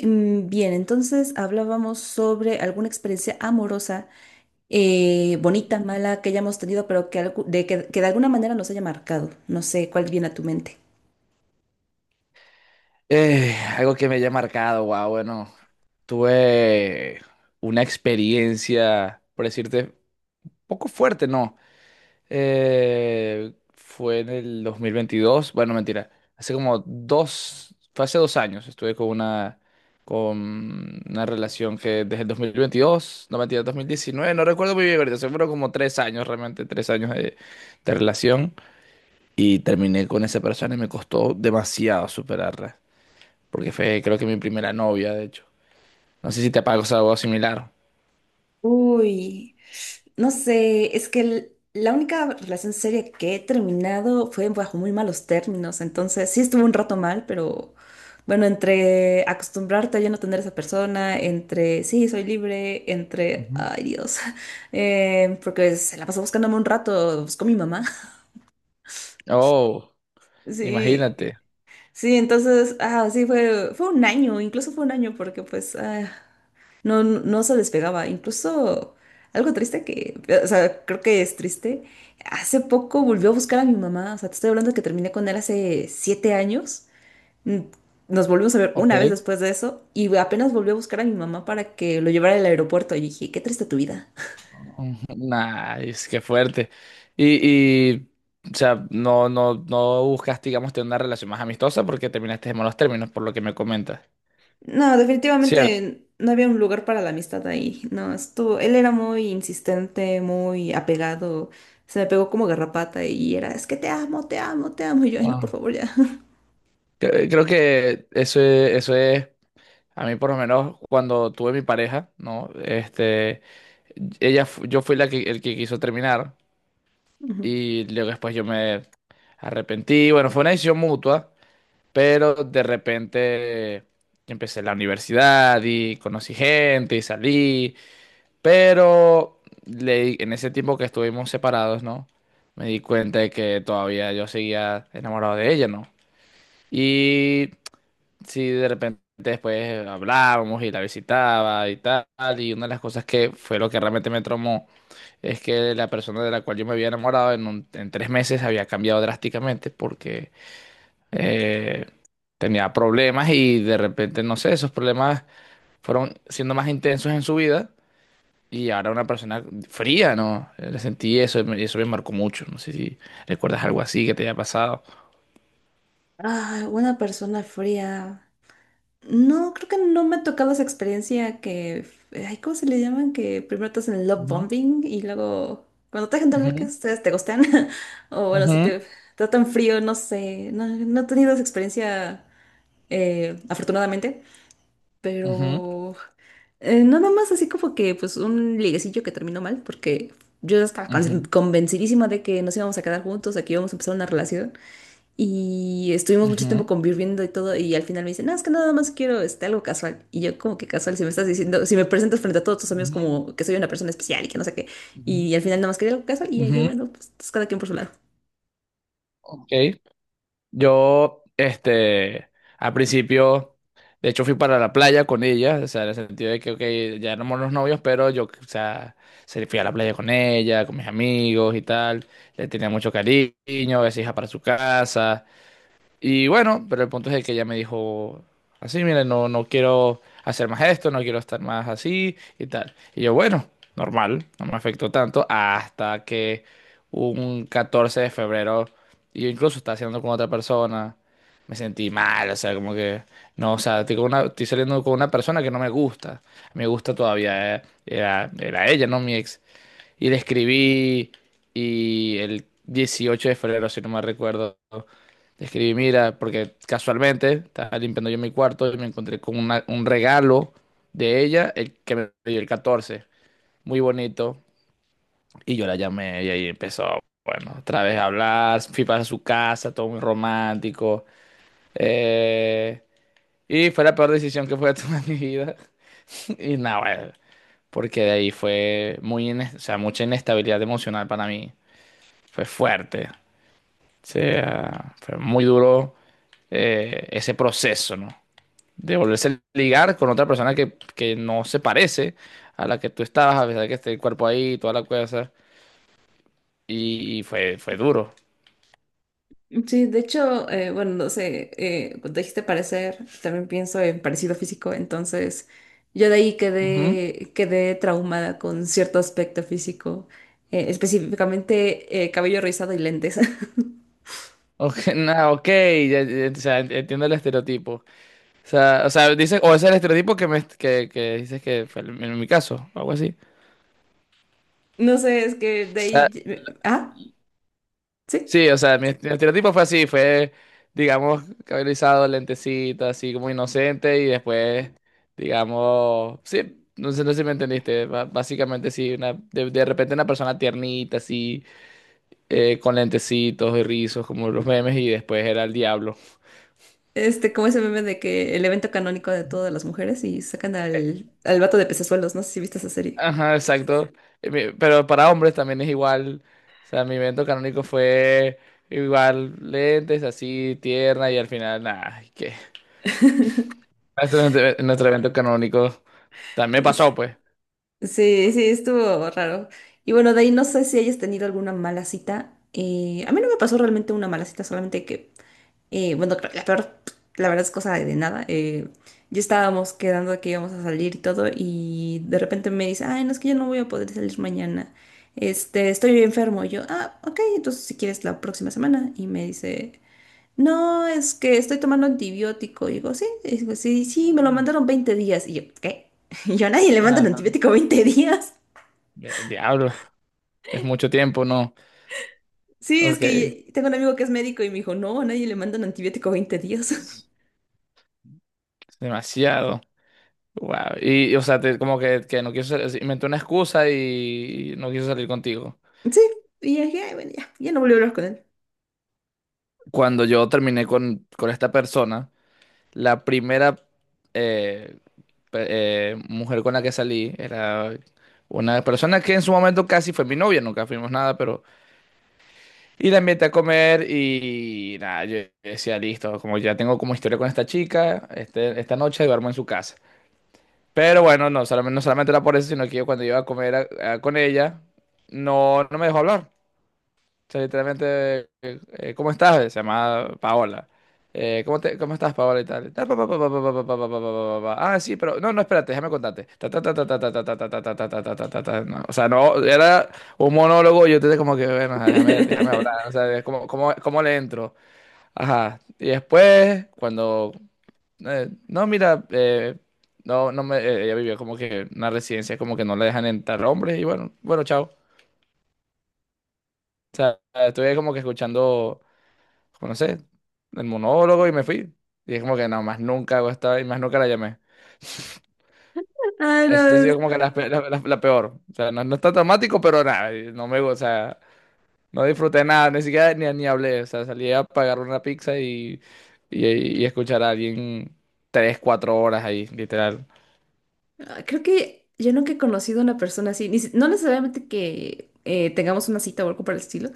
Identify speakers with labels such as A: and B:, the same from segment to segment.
A: Bien, entonces hablábamos sobre alguna experiencia amorosa, bonita, mala, que hayamos tenido, pero que de alguna manera nos haya marcado. No sé cuál viene a tu mente.
B: Algo que me haya marcado, wow, bueno, tuve una experiencia, por decirte, poco fuerte, ¿no? Fue en el 2022, bueno, mentira, hace como dos, fue hace dos años, estuve con una relación que desde el 2022, no mentira, 2019, no recuerdo muy bien ahorita, seguro como tres años, realmente tres años de relación y terminé con esa persona y me costó demasiado superarla porque fue creo que mi primera novia, de hecho. No sé si te pasó algo similar.
A: Uy. No sé, es que la única relación seria que he terminado fue bajo muy malos términos, entonces sí estuvo un rato mal, pero bueno, entre acostumbrarte a ya no tener esa persona, entre sí, soy libre, entre,
B: Ujú.
A: ay Dios, porque se la pasó buscándome un rato, buscó mi mamá.
B: Oh,
A: Sí,
B: imagínate.
A: sí, entonces, sí, fue 1 año, incluso fue 1 año porque no, no, no se despegaba. Incluso algo triste que, o sea, creo que es triste. Hace poco volvió a buscar a mi mamá. O sea, te estoy hablando que terminé con él hace 7 años. Mm. Nos volvimos a ver
B: Ok.
A: una vez después de eso y apenas volvió a buscar a mi mamá para que lo llevara al aeropuerto. Y dije, qué triste tu vida.
B: Nice, qué fuerte. Y, y, o sea, no buscaste, digamos, tener una relación más amistosa porque terminaste en malos términos, por lo que me comentas.
A: No,
B: Cierto.
A: definitivamente no había un lugar para la amistad ahí. No, estuvo, él era muy insistente, muy apegado. Se me pegó como garrapata y era, es que te amo, te amo, te amo. Y yo, ay, no,
B: Ah.
A: por favor, ya.
B: Creo que eso es, a mí por lo menos cuando tuve mi pareja, ¿no? Este, ella, yo fui la que, el que quiso terminar.
A: Ujú.
B: Y luego después yo me arrepentí. Bueno, fue una decisión mutua, pero de repente yo empecé la universidad y conocí gente y salí. Pero en ese tiempo que estuvimos separados, ¿no? Me di cuenta de que todavía yo seguía enamorado de ella, ¿no? Y sí, de repente después hablábamos y la visitaba y tal. Y una de las cosas que fue lo que realmente me traumó es que la persona de la cual yo me había enamorado en tres meses había cambiado drásticamente porque eh, tenía problemas y de repente, no sé, esos problemas fueron siendo más intensos en su vida y ahora una persona fría, ¿no? Le sentí eso y eso me marcó mucho. No sé si recuerdas algo así que te haya pasado.
A: Ah, una persona fría. No, creo que no me ha tocado esa experiencia que, ay, ¿cómo se le llaman? Que primero te hacen love
B: Ujú,
A: bombing y luego cuando te dejan de hablar que
B: ujú,
A: ustedes te gustan. O bueno, si
B: ujú,
A: te tratan frío, no sé. No, no he tenido esa experiencia, afortunadamente.
B: ujú,
A: Pero nada más así como que pues un liguecillo que terminó mal porque yo estaba
B: ujú,
A: convencidísima de que nos íbamos a quedar juntos, de que íbamos a empezar una relación. Y estuvimos mucho
B: ujú,
A: tiempo conviviendo y todo, y al final me dice, no, es que nada más quiero este, algo casual. Y yo como que casual, si me estás diciendo, si me presentas frente a todos tus amigos
B: ujú,
A: como que soy una persona especial y que no sé qué. Y al final nada más quería algo casual y yo
B: ujú,
A: dije,
B: ujú.
A: bueno, pues, cada quien por su lado.
B: Ok. Yo, este, al principio, de hecho fui para la playa con ella, o sea, en el sentido de que, ok, ya éramos los novios, pero yo, o sea, fui a la playa con ella, con mis amigos y tal, le tenía mucho cariño, a veces iba para su casa, y bueno, pero el punto es de que ella me dijo así, mire, no, no quiero hacer más esto, no quiero estar más así y tal. Y yo, bueno, normal, no me afectó tanto hasta que un 14 de febrero, y yo incluso estaba haciendo con otra persona, me sentí mal, o sea, como que, no, o sea, estoy, estoy saliendo con una persona que no me gusta, me gusta todavía, era, era ella, no mi ex. Y le escribí y el 18 de febrero, si no me recuerdo, le escribí, mira, porque casualmente estaba limpiando yo mi cuarto y me encontré con un regalo de ella, el que me dio el catorce, muy bonito. Y yo la llamé y ahí empezó, bueno, otra vez a hablar, fui para su casa, todo muy romántico. eh, y fue la peor decisión que pude tomar en mi vida. Y nada, bueno, porque de ahí fue muy, o sea, mucha inestabilidad emocional para mí. Fue fuerte. O sea, fue muy duro ese proceso, ¿no? De volverse a ligar con otra persona que no se parece a la que tú estabas, a pesar de que esté el cuerpo ahí, toda la cosa. Y fue, fue duro.
A: Sí, de hecho, bueno, no sé, cuando dijiste parecer, también pienso en parecido físico, entonces yo de ahí
B: Ujú.
A: quedé, quedé traumada con cierto aspecto físico, específicamente cabello rizado y lentes.
B: Ok, ok, ya, o sea, entiendo el estereotipo. O sea, dice, o es el estereotipo que dices que fue en mi caso, algo así.
A: No sé, es que de ahí... Ah, sí.
B: Sí, o sea, mi, mi estereotipo fue así, fue, digamos, cabello rizado, lentecito, así como inocente y después, digamos, sí, no sé, no sé si me entendiste, básicamente sí, de repente una persona tiernita, así, con lentecitos y rizos, como los memes, y después era el diablo.
A: Este, como ese meme de que el evento canónico de todas las mujeres y sacan
B: Eh,
A: al vato de pecesuelos, no sé si viste esa serie.
B: Ajá, exacto. Pero para hombres también es igual. O sea, mi evento canónico fue igual lentes, así, tierna, y al final, nada, ¿qué? Nuestro evento canónico. También me pasó,
A: Es-
B: pues.
A: Sí, sí, estuvo raro. Y bueno, de ahí no sé si hayas tenido alguna mala cita. A mí no me pasó realmente una mala cita, solamente que, bueno, la peor, la verdad es cosa de nada. Yo estábamos quedando de que íbamos a salir y todo, y de repente me dice, ay, no, es que yo no voy a poder salir mañana. Este, estoy enfermo. Y yo, ah, ok, entonces si quieres la próxima semana. Y me dice... No, es que estoy tomando antibiótico. Y digo, sí, sí, me lo mandaron 20 días. Y yo, ¿qué? Y yo, a nadie le mandan
B: Ajá.
A: antibiótico 20 días.
B: Diablo, es mucho tiempo, ¿no?
A: Sí, es
B: Ok,
A: que tengo un amigo que es médico y me dijo, no, a nadie le mandan antibiótico veinte días.
B: es demasiado. Wow. O sea, como que no quiso, inventó una excusa y no quiso salir contigo.
A: Sí, y dije, "Ay, bueno, ya, ya no volví a hablar con él.
B: Cuando yo terminé con esta persona, la primera eh, mujer con la que salí era una persona que en su momento casi fue mi novia, nunca fuimos nada, pero y la invité a comer y nada, yo decía, listo, como ya tengo como historia con esta chica, este, esta noche duermo en su casa. Pero bueno, no solamente era por eso, sino que yo cuando iba a comer con ella, no me dejó hablar, sea, literalmente, ¿cómo estás? Se llama Paola. ¿ Cómo estás, Paola y tal? Ta, pa, pa, pa, pa, pa, pa, pa, pa, pa, pa, pa, pa, pa. Ah, sí, pero no, no, espérate, déjame contarte. Ta, ta, ta, ta, ta, ta, ta, ta, ta, ta, ta, ta, ta, ta, ta, ta, ta. No, o sea, no, era un monólogo, yo te como que, bueno, déjame hablar, o sea, es como, cómo le entro. Ajá. Y después, cuando, no, mira, no me, ella vivía como que en una residencia, como que no le dejan entrar hombres, y bueno, chao. Ah, estuve como que escuchando, como no sé, el monólogo y me fui. Y es como que no, más nunca hago esta y más nunca la llamé.
A: Ah,
B: Este ha
A: no.
B: sido como que la, pe- la- la- la peor. O sea, no, no está dramático, pero nada, y no me, o sea, no disfruté nada, ni siquiera ni hablé. O sea, salí a pagar una pizza y escuchar a alguien tres, cuatro horas ahí, literal.
A: Ah, creo que yo nunca he conocido a una persona así, ni si- no necesariamente que tengamos una cita o algo por el estilo,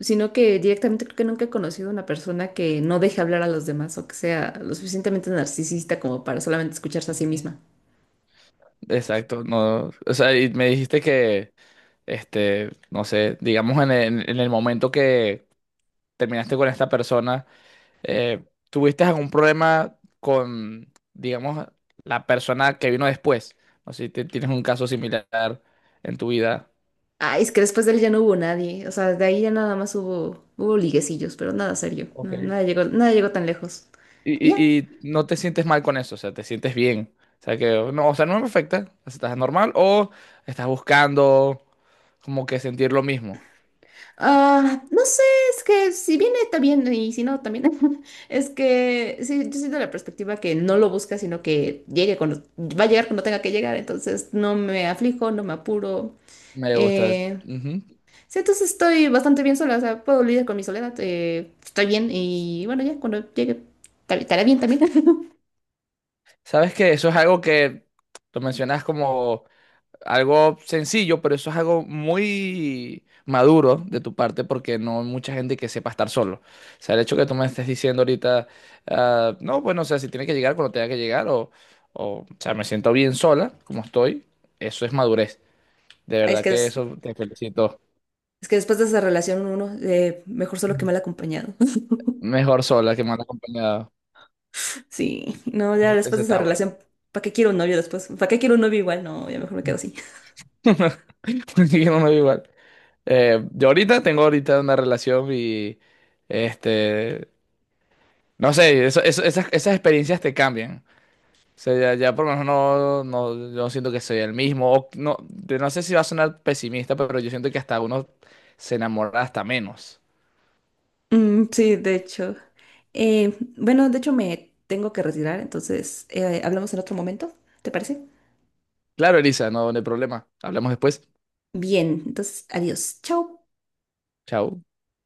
A: sino que directamente creo que nunca he conocido a una persona que no deje hablar a los demás o que sea lo suficientemente narcisista como para solamente escucharse a sí misma.
B: Ujú. Exacto, no, o sea, y me dijiste que, este, no sé, digamos en el momento que terminaste con esta persona, Eh, ¿tuviste algún problema con, digamos, la persona que vino después? O si tienes un caso similar en tu vida.
A: Ay, es que después de él ya no hubo nadie, o sea, de ahí ya nada más hubo, hubo liguecillos, pero nada serio,
B: Ok.
A: nada llegó, nada llegó tan lejos. Y ya.
B: Y no te sientes mal con eso, o sea, te sientes bien. O sea, que no, o sea, no me afecta, o sea, estás normal o estás buscando como que sentir lo mismo.
A: Ah, no sé, es que si viene está bien y si no también. Es que sí, yo siento la perspectiva que no lo busca, sino que llegue cuando va a llegar cuando tenga que llegar, entonces no me aflijo, no me apuro.
B: Me gusta.
A: Eh,
B: Ujú.
A: sí, entonces estoy bastante bien sola, o sea, puedo lidiar con mi soledad, estoy bien y bueno, ya cuando llegue estaré bien también.
B: Sabes que eso es algo que lo mencionas como algo sencillo, pero eso es algo muy maduro de tu parte porque no hay mucha gente que sepa estar solo. O sea, el hecho que tú me estés diciendo ahorita, ah, no, bueno, o sea, si tiene que llegar cuando tenga que llegar o sea, me siento bien sola como estoy, eso es madurez. De
A: Ay,
B: verdad que eso te felicito.
A: es que después de esa relación uno mejor solo que mal acompañado.
B: Mejor sola que mal acompañado.
A: Sí, no, ya
B: Eso,
A: después
B: eso
A: de esa
B: está bueno.
A: relación, ¿para qué quiero un novio después? ¿Para qué quiero un novio igual? No, ya mejor me quedo así.
B: Porque yo no me veo igual. Yo ahorita tengo ahorita una relación y este no sé, esas experiencias te cambian. O sea, ya por lo menos no, yo siento que soy el mismo. O no, de- No sé si va a sonar pesimista, pero yo siento que hasta uno se enamora hasta menos.
A: Mm, sí, de hecho. Bueno, de hecho me tengo que retirar, entonces hablamos en otro momento, ¿te parece?
B: Claro, Elisa, no hay problema. Hablamos después.
A: Bien, entonces adiós, chao.
B: Chao.